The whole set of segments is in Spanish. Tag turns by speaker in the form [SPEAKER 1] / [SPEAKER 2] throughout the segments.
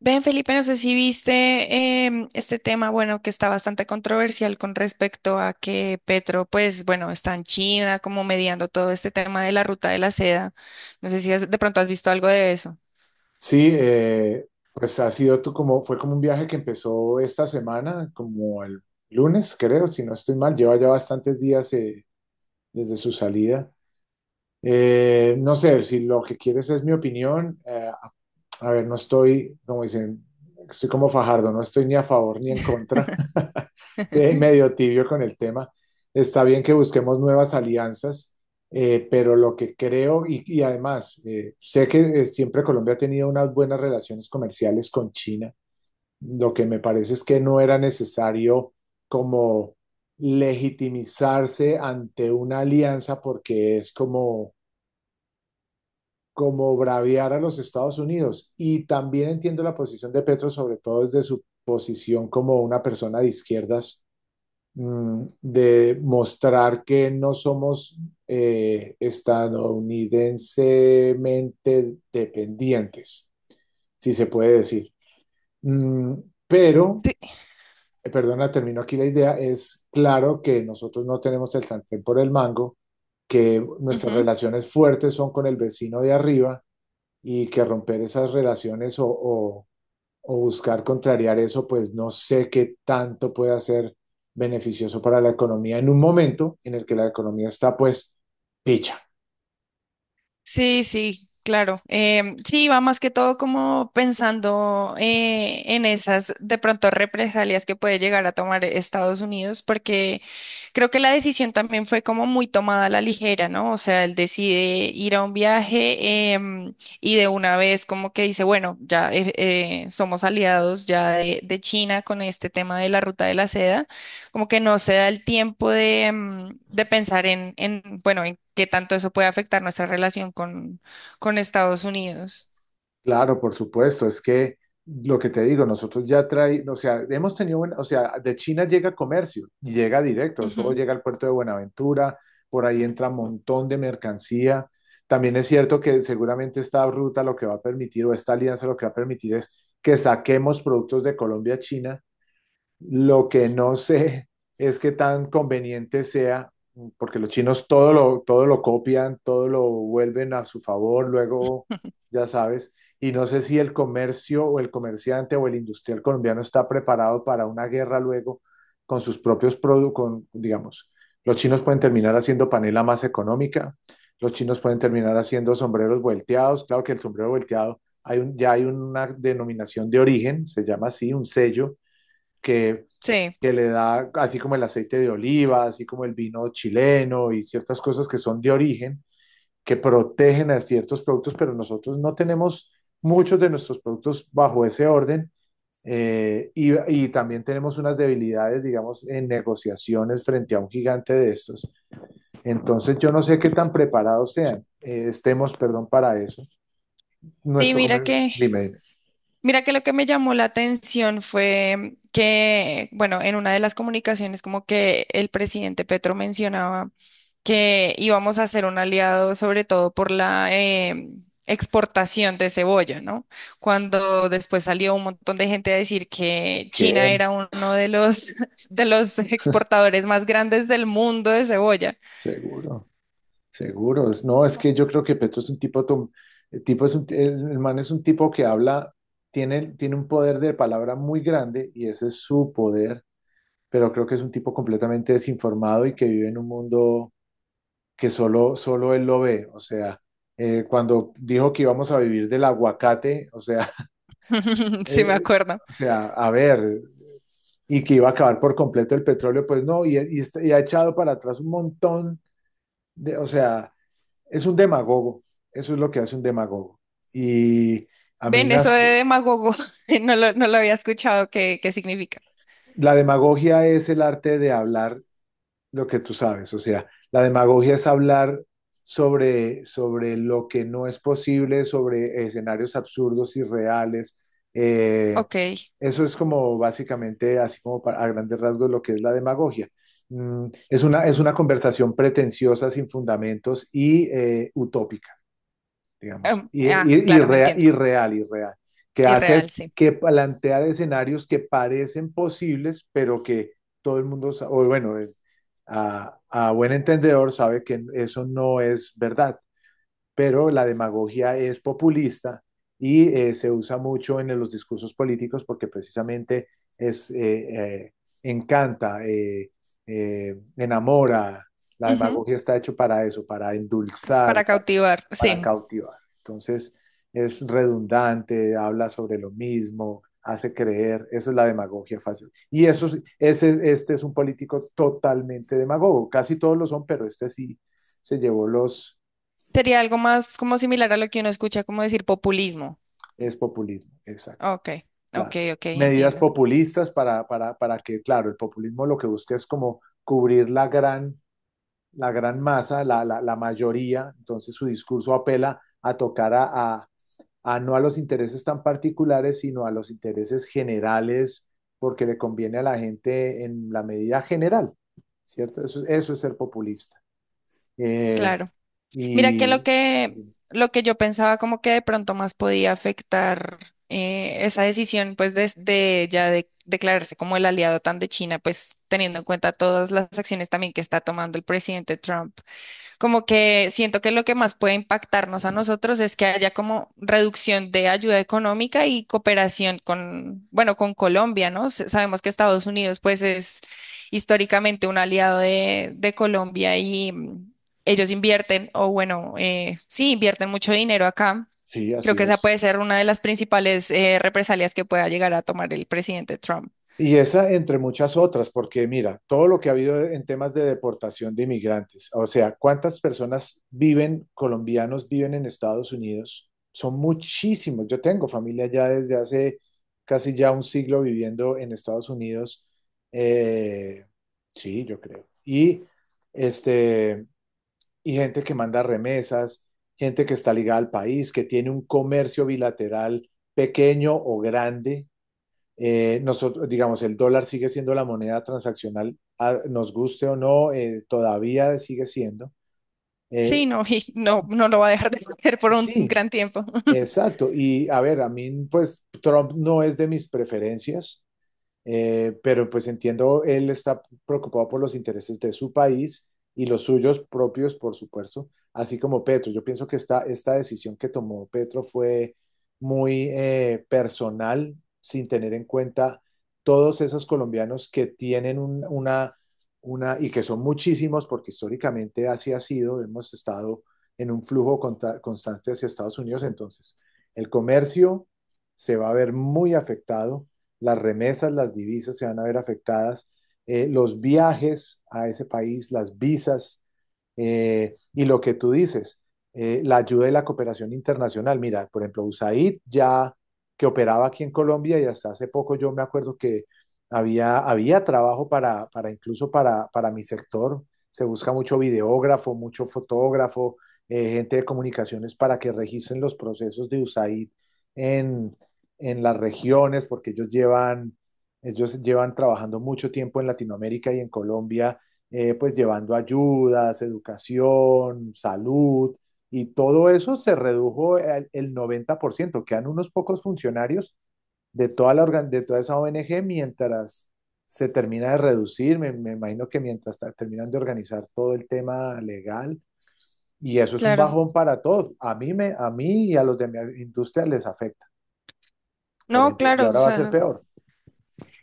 [SPEAKER 1] Ven, Felipe, no sé si viste este tema, bueno, que está bastante controversial con respecto a que Petro, pues, bueno, está en China como mediando todo este tema de la ruta de la seda. No sé si de pronto has visto algo de eso.
[SPEAKER 2] Sí, pues ha sido fue como un viaje que empezó esta semana, como el lunes, creo, si no estoy mal, lleva ya bastantes días desde su salida. No sé, si lo que quieres es mi opinión, a ver, no estoy, como dicen, estoy como Fajardo, no estoy ni a favor ni en contra. Sí, medio tibio con el tema. Está bien que busquemos nuevas alianzas, pero lo que creo, y además, sé que siempre Colombia ha tenido unas buenas relaciones comerciales con China. Lo que me parece es que no era necesario como legitimizarse ante una alianza porque es como braviar a los Estados Unidos. Y también entiendo la posición de Petro, sobre todo desde su posición como una persona de izquierdas, de mostrar que no somos estadounidensemente dependientes, si se puede decir. Mm, pero,
[SPEAKER 1] Sí.
[SPEAKER 2] perdona, termino aquí la idea, es claro que nosotros no tenemos el sartén por el mango, que nuestras relaciones fuertes son con el vecino de arriba y que romper esas relaciones o buscar contrariar eso, pues no sé qué tanto pueda ser beneficioso para la economía en un momento en el que la economía está pues picha.
[SPEAKER 1] Sí, sí, claro. Sí, va más que todo como pensando en esas de pronto represalias que puede llegar a tomar Estados Unidos, porque creo que la decisión también fue como muy tomada a la ligera, ¿no? O sea, él decide ir a un viaje y de una vez como que dice, bueno, ya somos aliados ya de China con este tema de la ruta de la seda, como que no se da el tiempo de, de pensar en bueno, en qué tanto eso puede afectar nuestra relación con Estados Unidos.
[SPEAKER 2] Claro, por supuesto, es que lo que te digo, nosotros ya trae, o sea, hemos tenido, o sea, de China llega comercio, y llega directo, todo
[SPEAKER 1] Ujú.
[SPEAKER 2] llega al puerto de Buenaventura, por ahí entra un montón de mercancía. También es cierto que seguramente esta ruta lo que va a permitir o esta alianza lo que va a permitir es que saquemos productos de Colombia a China, lo que no sé es qué tan conveniente sea, porque los chinos todo lo copian, todo lo vuelven a su favor, luego, ya sabes, y no sé si el comercio o el comerciante o el industrial colombiano está preparado para una guerra luego con sus propios productos, digamos, los chinos pueden terminar haciendo panela más económica, los chinos pueden terminar haciendo sombreros volteados, claro que el sombrero volteado, ya hay una denominación de origen, se llama así, un sello que
[SPEAKER 1] Sí,
[SPEAKER 2] que le da, así como el aceite de oliva, así como el vino chileno y ciertas cosas que son de origen, que protegen a ciertos productos, pero nosotros no tenemos muchos de nuestros productos bajo ese orden. También tenemos unas debilidades, digamos, en negociaciones frente a un gigante de estos. Entonces, yo no sé qué tan preparados estemos, perdón, para eso.
[SPEAKER 1] sí,
[SPEAKER 2] Nuestro
[SPEAKER 1] mira
[SPEAKER 2] comercio,
[SPEAKER 1] que
[SPEAKER 2] dime,
[SPEAKER 1] Mira que lo que me llamó la atención fue que, bueno, en una de las comunicaciones como que el presidente Petro mencionaba que íbamos a ser un aliado sobre todo por la exportación de cebolla, ¿no? Cuando después salió un montón de gente a decir que
[SPEAKER 2] ¿qué?
[SPEAKER 1] China era uno de los, de los exportadores más grandes del mundo de cebolla.
[SPEAKER 2] Seguro. Seguro, no, es que yo creo que Petro es un el tipo es un, el man es un tipo que habla, tiene un poder de palabra muy grande y ese es su poder, pero creo que es un tipo completamente desinformado y que vive en un mundo que solo él lo ve. O sea, cuando dijo que íbamos a vivir del aguacate, o sea,
[SPEAKER 1] Sí, me
[SPEAKER 2] eh,
[SPEAKER 1] acuerdo.
[SPEAKER 2] o sea, a ver, y que iba a acabar por completo el petróleo, pues no, y ha echado para atrás un montón o sea es un demagogo, eso es lo que hace un demagogo. Y a mí
[SPEAKER 1] Ven,
[SPEAKER 2] me
[SPEAKER 1] eso de
[SPEAKER 2] hace,
[SPEAKER 1] demagogo, no lo había escuchado, ¿ qué significa?
[SPEAKER 2] la demagogia es el arte de hablar lo que tú sabes, o sea, la demagogia es hablar sobre lo que no es posible, sobre escenarios absurdos, irreales. Eh,
[SPEAKER 1] Ok.
[SPEAKER 2] Eso es como básicamente, así como para, a grandes rasgos, lo que es la demagogia. Es una conversación pretenciosa, sin fundamentos y utópica, digamos,
[SPEAKER 1] Claro, entiendo.
[SPEAKER 2] irreal, irreal, que hace,
[SPEAKER 1] Irreal, sí.
[SPEAKER 2] que plantea escenarios que parecen posibles, pero que todo el mundo, sa- o bueno, el- a buen entendedor sabe que eso no es verdad, pero la demagogia es populista y se usa mucho en los discursos políticos porque precisamente es, eh, eh, encanta, enamora. La
[SPEAKER 1] Ujú.
[SPEAKER 2] demagogia está hecho para eso, para endulzar,
[SPEAKER 1] Para cautivar,
[SPEAKER 2] para
[SPEAKER 1] sí.
[SPEAKER 2] cautivar. Entonces es redundante, habla sobre lo mismo, hace creer, eso es la demagogia fácil. Y eso, este es un político totalmente demagogo, casi todos lo son, pero este sí se llevó los,
[SPEAKER 1] Sería algo más como similar a lo que uno escucha, como decir populismo.
[SPEAKER 2] es populismo, exacto,
[SPEAKER 1] Ok, ok,
[SPEAKER 2] claro.
[SPEAKER 1] ok,
[SPEAKER 2] Medidas
[SPEAKER 1] entiendo.
[SPEAKER 2] populistas para que, claro, el populismo lo que busca es como cubrir la gran, la mayoría, entonces su discurso apela a tocar a, a no a los intereses tan particulares, sino a los intereses generales, porque le conviene a la gente en la medida general, ¿cierto? Eso es ser populista. Eh,
[SPEAKER 1] Claro. Mira que lo
[SPEAKER 2] y
[SPEAKER 1] que, lo que yo pensaba como que de pronto más podía afectar esa decisión, pues de ya de declararse como el aliado tan de China, pues teniendo en cuenta todas las acciones también que está tomando el presidente Trump. Como que siento que lo que más puede impactarnos a nosotros es que haya como reducción de ayuda económica y cooperación con, bueno, con Colombia, ¿no? Sabemos que Estados Unidos pues es históricamente un aliado de Colombia y, ellos invierten, o bueno, sí, invierten mucho dinero acá.
[SPEAKER 2] sí,
[SPEAKER 1] Creo
[SPEAKER 2] así
[SPEAKER 1] que esa
[SPEAKER 2] es.
[SPEAKER 1] puede ser una de las principales represalias que pueda llegar a tomar el presidente Trump.
[SPEAKER 2] Y esa entre muchas otras, porque mira, todo lo que ha habido en temas de deportación de inmigrantes, o sea, colombianos viven en Estados Unidos, son muchísimos. Yo tengo familia ya desde hace casi ya un siglo viviendo en Estados Unidos. Eh, sí, yo creo. Este, y gente que manda remesas, gente que está ligada al país, que tiene un comercio bilateral pequeño o grande, nosotros, digamos, el dólar sigue siendo la moneda transaccional, nos guste o no, todavía sigue siendo. Eh,
[SPEAKER 1] Sí, no, y no, no lo va a dejar de hacer por un
[SPEAKER 2] sí,
[SPEAKER 1] gran tiempo.
[SPEAKER 2] exacto. Y a ver, a mí, pues Trump no es de mis preferencias. Pero pues entiendo, él está preocupado por los intereses de su país y los suyos propios, por supuesto, así como Petro. Yo pienso que esta decisión que tomó Petro fue muy personal, sin tener en cuenta todos esos colombianos que tienen una, y que son muchísimos, porque históricamente así ha sido, hemos estado en un flujo constante hacia Estados Unidos, entonces el comercio se va a ver muy afectado, las remesas, las divisas se van a ver afectadas, los viajes a ese país, las visas, y lo que tú dices, la ayuda y la cooperación internacional. Mira, por ejemplo, USAID ya que operaba aquí en Colombia y hasta hace poco yo me acuerdo que había trabajo para incluso para mi sector. Se busca mucho videógrafo, mucho fotógrafo, gente de comunicaciones para que registren los procesos de USAID en, en las regiones, porque ellos llevan trabajando mucho tiempo en Latinoamérica y en Colombia, pues llevando ayudas, educación, salud, y todo eso se redujo 90%, quedan unos pocos funcionarios de de toda esa ONG mientras se termina de reducir, me imagino que mientras terminan de organizar todo el tema legal, y eso es un
[SPEAKER 1] Claro.
[SPEAKER 2] bajón para todos, a mí y a los de mi industria les afecta, por
[SPEAKER 1] No,
[SPEAKER 2] ejemplo, y
[SPEAKER 1] claro, o
[SPEAKER 2] ahora va a ser
[SPEAKER 1] sea.
[SPEAKER 2] peor.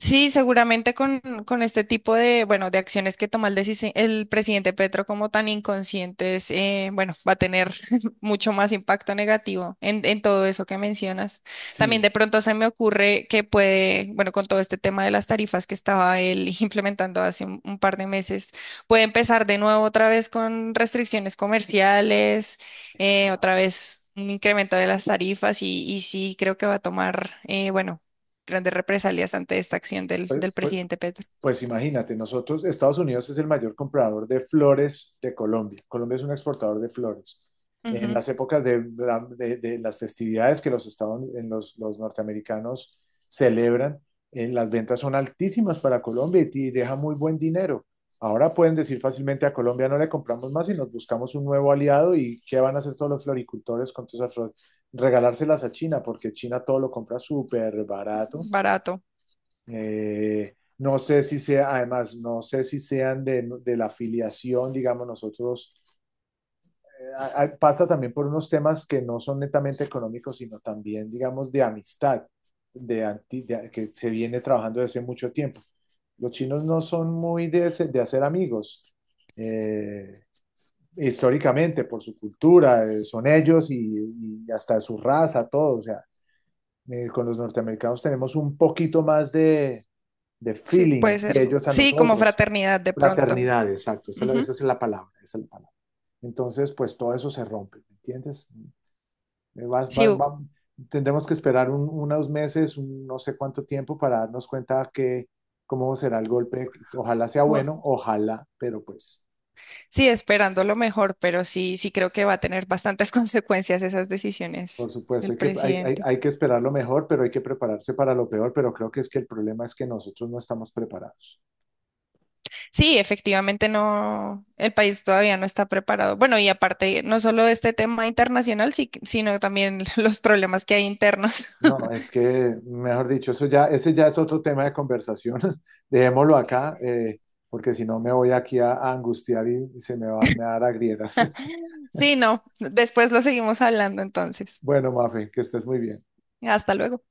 [SPEAKER 1] Sí, seguramente con este tipo de, bueno, de acciones que toma el presidente Petro como tan inconscientes, bueno, va a tener mucho más impacto negativo en todo eso que mencionas. También de
[SPEAKER 2] Sí,
[SPEAKER 1] pronto se me ocurre que puede, bueno, con todo este tema de las tarifas que estaba él implementando hace un par de meses, puede empezar de nuevo otra vez con restricciones comerciales, otra
[SPEAKER 2] exacto.
[SPEAKER 1] vez un incremento de las tarifas y sí, creo que va a tomar, bueno, grandes represalias ante esta acción
[SPEAKER 2] Pues,
[SPEAKER 1] del
[SPEAKER 2] pues-
[SPEAKER 1] presidente Petro.
[SPEAKER 2] pues imagínate, nosotros, Estados Unidos es el mayor comprador de flores de Colombia. Colombia es un exportador de flores. En
[SPEAKER 1] Ujú.
[SPEAKER 2] las épocas de, de las festividades que los, estados, en los norteamericanos celebran, las ventas son altísimas para Colombia y deja muy buen dinero. Ahora pueden decir fácilmente a Colombia no le compramos más y nos buscamos un nuevo aliado y ¿qué van a hacer todos los floricultores con todas esas flores? Regalárselas a China porque China todo lo compra súper barato.
[SPEAKER 1] Barato.
[SPEAKER 2] No sé si sea, además, no sé si sean de la afiliación, digamos, nosotros, eh, pasa también por unos temas que no son netamente económicos, sino también, digamos, de amistad, que se viene trabajando desde mucho tiempo. Los chinos no son muy de, de hacer amigos, eh, históricamente, por su cultura, son ellos y hasta su raza, todo, o sea, con los norteamericanos tenemos un poquito más de
[SPEAKER 1] Sí,
[SPEAKER 2] feeling
[SPEAKER 1] puede
[SPEAKER 2] y
[SPEAKER 1] ser.
[SPEAKER 2] ellos a
[SPEAKER 1] Sí, como
[SPEAKER 2] nosotros.
[SPEAKER 1] fraternidad de pronto.
[SPEAKER 2] Fraternidad, exacto,
[SPEAKER 1] Ujú.
[SPEAKER 2] esa es la palabra, esa es la palabra. Entonces, pues todo eso se rompe, ¿me entiendes? Eh, vas-
[SPEAKER 1] Sí,
[SPEAKER 2] va- va- tendremos que esperar unos meses, un no sé cuánto tiempo para darnos cuenta que cómo será el golpe. Ojalá sea
[SPEAKER 1] cu-
[SPEAKER 2] bueno, ojalá, pero pues,
[SPEAKER 1] sí, esperando lo mejor, pero sí, sí creo que va a tener bastantes consecuencias esas
[SPEAKER 2] por
[SPEAKER 1] decisiones
[SPEAKER 2] supuesto,
[SPEAKER 1] del presidente.
[SPEAKER 2] hay que esperar lo mejor, pero hay que prepararse para lo peor, pero creo que es que el problema es que nosotros no estamos preparados.
[SPEAKER 1] Sí, efectivamente no, el país todavía no está preparado. Bueno, y aparte, no solo este tema internacional, sino también los problemas que hay internos.
[SPEAKER 2] No, es que, mejor dicho, ese ya es otro tema de conversación. Dejémoslo acá, porque si no me voy aquí a angustiar y, me va a dar agrieras.
[SPEAKER 1] Sí, no, después lo seguimos hablando entonces.
[SPEAKER 2] Bueno, Mafe, que estés muy bien.
[SPEAKER 1] Hasta luego.